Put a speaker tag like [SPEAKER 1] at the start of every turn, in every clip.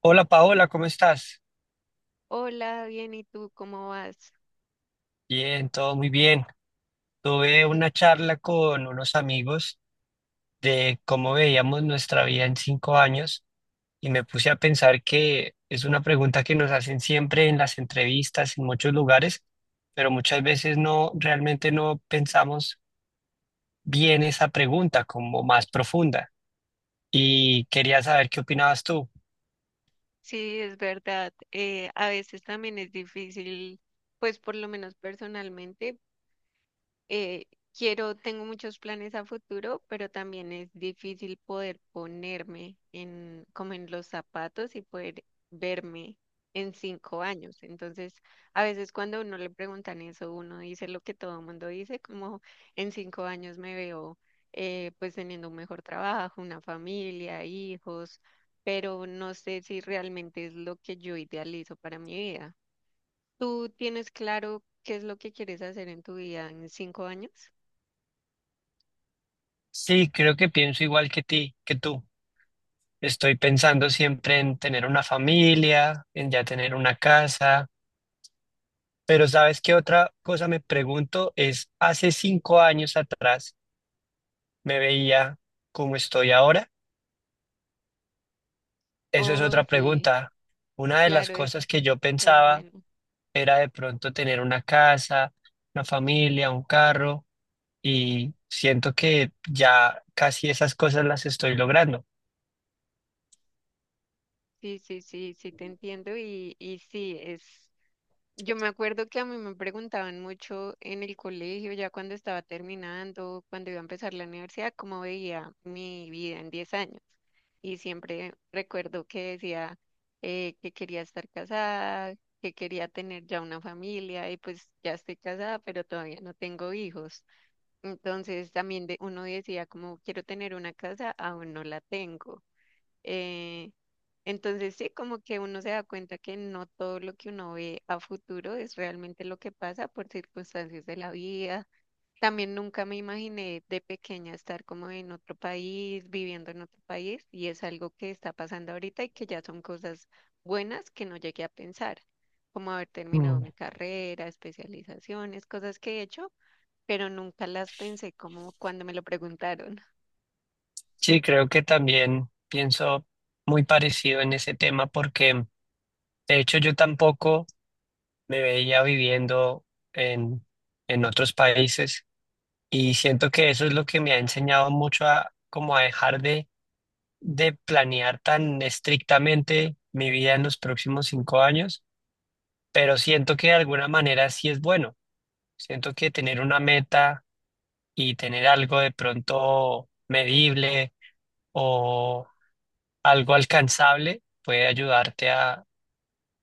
[SPEAKER 1] Hola Paola, ¿cómo estás?
[SPEAKER 2] Hola, bien, ¿y tú cómo vas?
[SPEAKER 1] Bien, todo muy bien. Tuve una charla con unos amigos de cómo veíamos nuestra vida en 5 años y me puse a pensar que es una pregunta que nos hacen siempre en las entrevistas, en muchos lugares, pero muchas veces no, realmente no pensamos bien esa pregunta como más profunda. Y quería saber qué opinabas tú.
[SPEAKER 2] Sí, es verdad. A veces también es difícil, pues por lo menos personalmente. eh, Quiero, tengo muchos planes a futuro, pero también es difícil poder ponerme como en los zapatos y poder verme en 5 años. Entonces, a veces cuando a uno le preguntan eso, uno dice lo que todo el mundo dice, como en 5 años me veo pues teniendo un mejor trabajo, una familia, hijos, pero no sé si realmente es lo que yo idealizo para mi vida. ¿Tú tienes claro qué es lo que quieres hacer en tu vida en 5 años?
[SPEAKER 1] Sí, creo que pienso igual que tú. Estoy pensando siempre en tener una familia, en ya tener una casa, pero ¿sabes qué otra cosa me pregunto? Es, hace 5 años atrás me veía como estoy ahora. Eso es
[SPEAKER 2] Oh,
[SPEAKER 1] otra
[SPEAKER 2] sí,
[SPEAKER 1] pregunta. Una de las
[SPEAKER 2] claro,
[SPEAKER 1] cosas que yo
[SPEAKER 2] es
[SPEAKER 1] pensaba
[SPEAKER 2] bueno.
[SPEAKER 1] era de pronto tener una casa, una familia, un carro, y siento que ya casi esas cosas las estoy logrando.
[SPEAKER 2] Sí, sí, sí, sí, te entiendo y sí, es... Yo me acuerdo que a mí me preguntaban mucho en el colegio, ya cuando estaba terminando, cuando iba a empezar la universidad, cómo veía mi vida en 10 años. Y siempre recuerdo que decía que quería estar casada, que quería tener ya una familia y pues ya estoy casada, pero todavía no tengo hijos. Entonces también uno decía como quiero tener una casa, aún no la tengo. Eh, entonces sí, como que uno se da cuenta que no todo lo que uno ve a futuro es realmente lo que pasa por circunstancias de la vida. También nunca me imaginé de pequeña estar como en otro país, viviendo en otro país, y es algo que está pasando ahorita y que ya son cosas buenas que no llegué a pensar, como haber terminado
[SPEAKER 1] Mm.
[SPEAKER 2] mi carrera, especializaciones, cosas que he hecho pero nunca las pensé como cuando me lo preguntaron.
[SPEAKER 1] Sí, creo que también pienso muy parecido en ese tema porque... De hecho, yo tampoco me veía viviendo en, en otros países y siento que eso es lo que me ha enseñado mucho a como a dejar de planear tan estrictamente mi vida en los próximos 5 años, pero siento que de alguna manera sí es bueno. Siento que tener una meta y tener algo de pronto medible o algo alcanzable puede ayudarte a,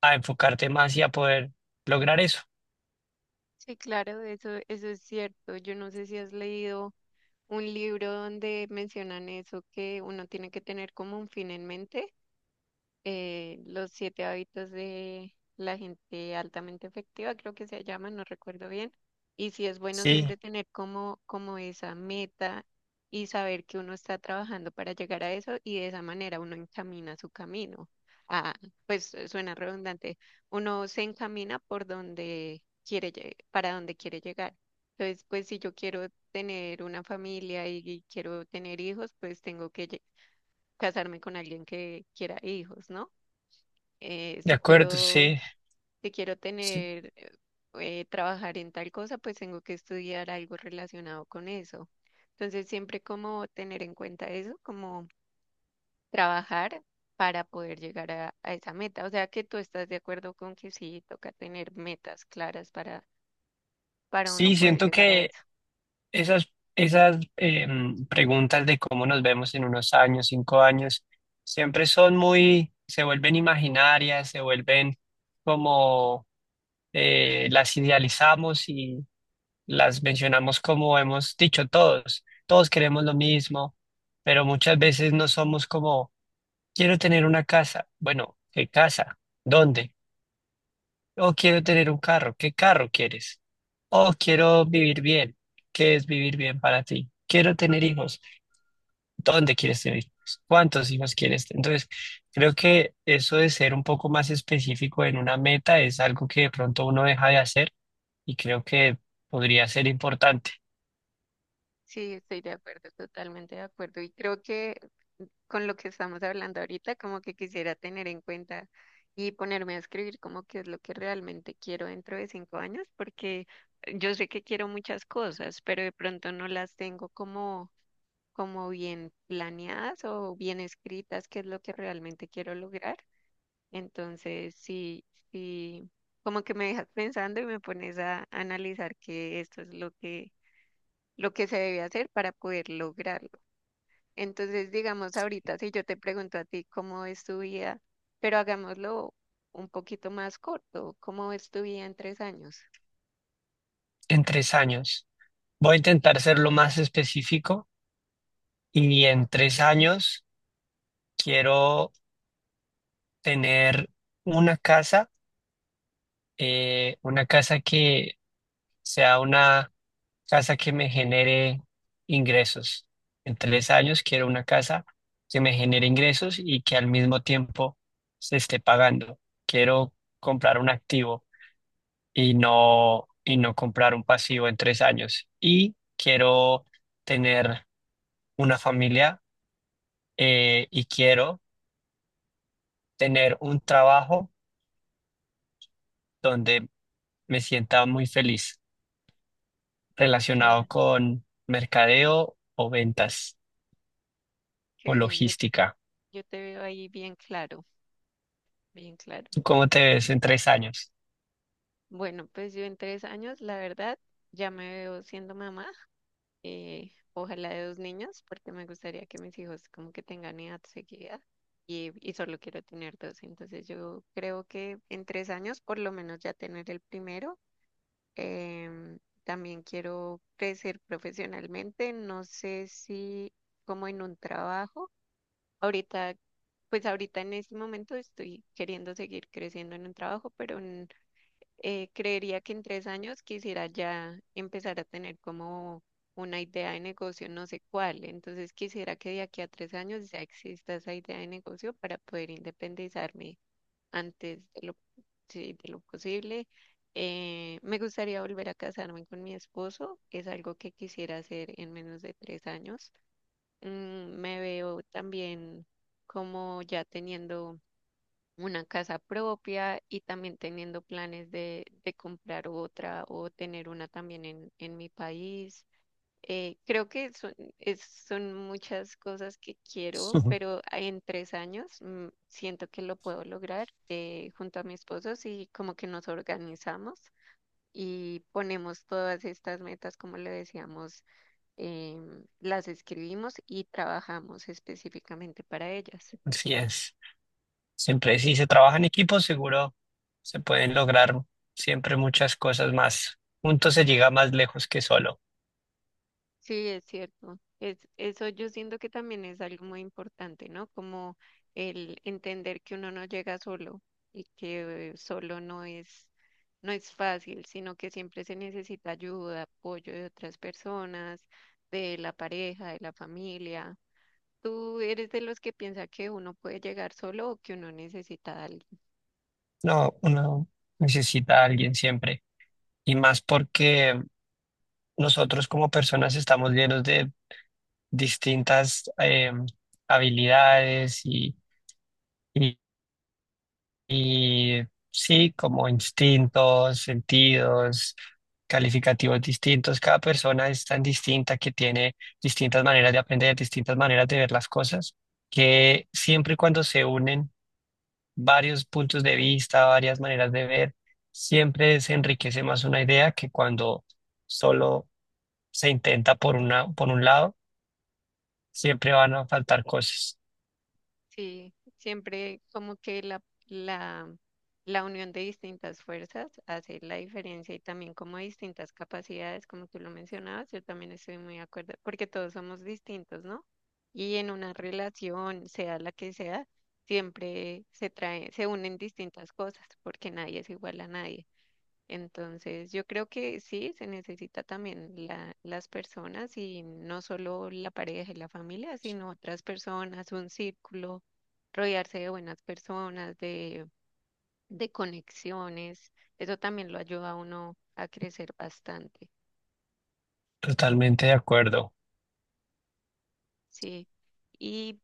[SPEAKER 1] a enfocarte más y a poder lograr eso.
[SPEAKER 2] Sí, claro, eso es cierto. Yo no sé si has leído un libro donde mencionan eso, que uno tiene que tener como un fin en mente. Los siete hábitos de la gente altamente efectiva, creo que se llama, no recuerdo bien. Y sí es bueno siempre
[SPEAKER 1] Sí,
[SPEAKER 2] tener como esa meta y saber que uno está trabajando para llegar a eso y de esa manera uno encamina su camino. Ah, pues suena redundante. Uno se encamina por donde quiere, para donde quiere llegar. Entonces, pues si yo quiero tener una familia y quiero tener hijos, pues tengo que casarme con alguien que quiera hijos, ¿no? eh,
[SPEAKER 1] de
[SPEAKER 2] si
[SPEAKER 1] acuerdo,
[SPEAKER 2] quiero,
[SPEAKER 1] sí.
[SPEAKER 2] si quiero
[SPEAKER 1] Sí,
[SPEAKER 2] tener, trabajar en tal cosa, pues tengo que estudiar algo relacionado con eso. Entonces, siempre como tener en cuenta eso, como trabajar para poder llegar a esa meta. O sea, que tú estás de acuerdo con que sí, toca tener metas claras para uno
[SPEAKER 1] sí,
[SPEAKER 2] poder
[SPEAKER 1] siento
[SPEAKER 2] llegar a
[SPEAKER 1] que
[SPEAKER 2] eso.
[SPEAKER 1] esas preguntas de cómo nos vemos en unos años, 5 años, siempre son muy, se vuelven imaginarias, se vuelven como las idealizamos y las mencionamos como hemos dicho todos. Todos queremos lo mismo, pero muchas veces no somos como, quiero tener una casa. Bueno, ¿qué casa? ¿Dónde? O quiero tener un carro. ¿Qué carro quieres? O quiero vivir bien. ¿Qué es vivir bien para ti? Quiero tener hijos. ¿Dónde quieres tener hijos? ¿Cuántos hijos quieres? Entonces, creo que eso de ser un poco más específico en una meta es algo que de pronto uno deja de hacer y creo que podría ser importante
[SPEAKER 2] Sí, estoy de acuerdo, totalmente de acuerdo. Y creo que con lo que estamos hablando ahorita, como que quisiera tener en cuenta y ponerme a escribir como qué es lo que realmente quiero dentro de 5 años, porque yo sé que quiero muchas cosas, pero de pronto no las tengo como bien planeadas o bien escritas, qué es lo que realmente quiero lograr. Entonces, sí, sí, como que me dejas pensando y me pones a analizar que esto es lo que se debe hacer para poder lograrlo. Entonces, digamos, ahorita si yo te pregunto a ti cómo es tu vida, pero hagámoslo un poquito más corto, ¿cómo es tu vida en 3 años?
[SPEAKER 1] en 3 años. Voy a intentar ser lo más específico y en 3 años quiero tener una casa, una casa que sea una casa que me genere ingresos. En 3 años quiero una casa que me genere ingresos y que al mismo tiempo se esté pagando. Quiero comprar un activo y no comprar un pasivo en 3 años. Y quiero tener una familia y quiero tener un trabajo donde me sienta muy feliz
[SPEAKER 2] Qué,
[SPEAKER 1] relacionado con mercadeo o ventas
[SPEAKER 2] qué
[SPEAKER 1] o
[SPEAKER 2] bien, yo,
[SPEAKER 1] logística.
[SPEAKER 2] yo te veo ahí bien claro, bien claro.
[SPEAKER 1] ¿Cómo te ves en
[SPEAKER 2] Entonces,
[SPEAKER 1] 3 años?
[SPEAKER 2] bueno, pues yo en 3 años, la verdad, ya me veo siendo mamá, ojalá de 2 niños, porque me gustaría que mis hijos como que tengan edad seguida. Y solo quiero tener dos, entonces yo creo que en 3 años por lo menos ya tener el primero. em, También quiero crecer profesionalmente, no sé si como en un trabajo. Ahorita, pues ahorita en este momento estoy queriendo seguir creciendo en un trabajo, pero creería que en 3 años quisiera ya empezar a tener como una idea de negocio, no sé cuál. Entonces quisiera que de aquí a 3 años ya exista esa idea de negocio para poder independizarme antes de lo, sí, de lo posible. Me gustaría volver a casarme con mi esposo, es algo que quisiera hacer en menos de 3 años. Me veo también como ya teniendo una casa propia y también teniendo planes de comprar otra o tener una también en mi país. Creo que son, es- Son muchas cosas que quiero, pero en 3 años, siento que lo puedo lograr junto a mi esposo y como que nos organizamos y ponemos todas estas metas, como le decíamos, las escribimos y trabajamos específicamente para ellas.
[SPEAKER 1] Así es. Siempre, si se trabaja en equipo, seguro se pueden lograr siempre muchas cosas más. Juntos se llega más lejos que solo.
[SPEAKER 2] Sí, es cierto. Eso yo siento que también es algo muy importante, ¿no? Como el entender que uno no llega solo y que solo no es fácil, sino que siempre se necesita ayuda, apoyo de otras personas, de la pareja, de la familia. ¿Tú eres de los que piensa que uno puede llegar solo o que uno necesita a alguien?
[SPEAKER 1] No, uno necesita a alguien siempre. Y más porque nosotros como personas estamos llenos de distintas habilidades. Y sí, como instintos, sentidos, calificativos distintos. Cada persona es tan distinta que tiene distintas maneras de aprender, distintas maneras de ver las cosas, que siempre y cuando se unen varios puntos de vista, varias maneras de ver, siempre se enriquece más una idea que cuando solo se intenta por un lado, siempre van a faltar cosas.
[SPEAKER 2] Sí, siempre como que la, la unión de distintas fuerzas hace la diferencia y también como distintas capacidades, como tú lo mencionabas, yo también estoy muy de acuerdo, porque todos somos distintos, ¿no? Y en una relación, sea la que sea, siempre se trae, se unen distintas cosas, porque nadie es igual a nadie. Entonces, yo creo que sí, se necesita también las personas y no solo la pareja y la familia, sino otras personas, un círculo, rodearse de buenas personas, de conexiones. Eso también lo ayuda a uno a crecer bastante,
[SPEAKER 1] Totalmente de acuerdo.
[SPEAKER 2] sí. Y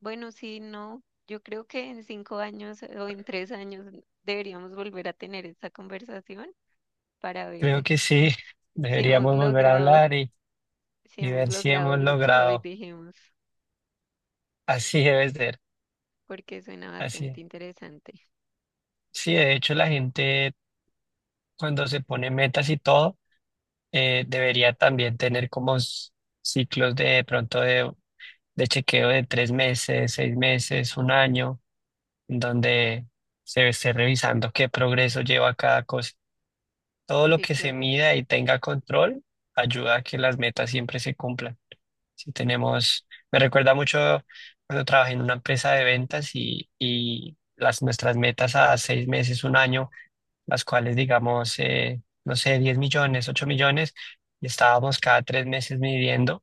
[SPEAKER 2] bueno, sí, no, yo creo que en 5 años, o en 3 años, deberíamos volver a tener esta conversación para
[SPEAKER 1] Creo
[SPEAKER 2] ver
[SPEAKER 1] que sí,
[SPEAKER 2] si hemos
[SPEAKER 1] deberíamos volver a
[SPEAKER 2] logrado,
[SPEAKER 1] hablar
[SPEAKER 2] si
[SPEAKER 1] y
[SPEAKER 2] hemos
[SPEAKER 1] ver si
[SPEAKER 2] logrado
[SPEAKER 1] hemos
[SPEAKER 2] lo que hoy
[SPEAKER 1] logrado.
[SPEAKER 2] dijimos.
[SPEAKER 1] Así debe ser,
[SPEAKER 2] Porque suena
[SPEAKER 1] así
[SPEAKER 2] bastante
[SPEAKER 1] es.
[SPEAKER 2] interesante.
[SPEAKER 1] Sí, de hecho la gente cuando se pone metas y todo, debería también tener como ciclos de pronto de chequeo de 3 meses, 6 meses, un año, en donde se esté revisando qué progreso lleva cada cosa. Todo lo
[SPEAKER 2] Sí,
[SPEAKER 1] que se
[SPEAKER 2] claro,
[SPEAKER 1] mida y tenga control ayuda a que las metas siempre se cumplan. Si tenemos, Me recuerda mucho cuando trabajé en una empresa de ventas y nuestras metas a 6 meses, un año, las cuales digamos, no sé, 10 millones, 8 millones, y estábamos cada 3 meses midiendo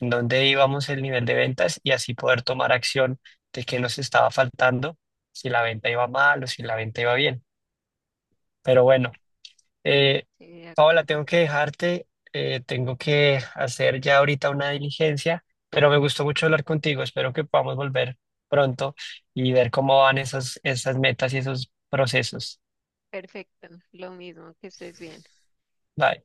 [SPEAKER 1] en dónde íbamos el nivel de ventas y así poder tomar acción de qué nos estaba faltando, si la venta iba mal o si la venta iba bien. Pero bueno, eh,
[SPEAKER 2] sí, de
[SPEAKER 1] Paola,
[SPEAKER 2] acuerdo.
[SPEAKER 1] tengo que dejarte, tengo que hacer ya ahorita una diligencia, pero me gustó mucho hablar contigo. Espero que podamos volver pronto y ver cómo van esas metas y esos procesos.
[SPEAKER 2] Perfecto, lo mismo, que estés bien.
[SPEAKER 1] Bye.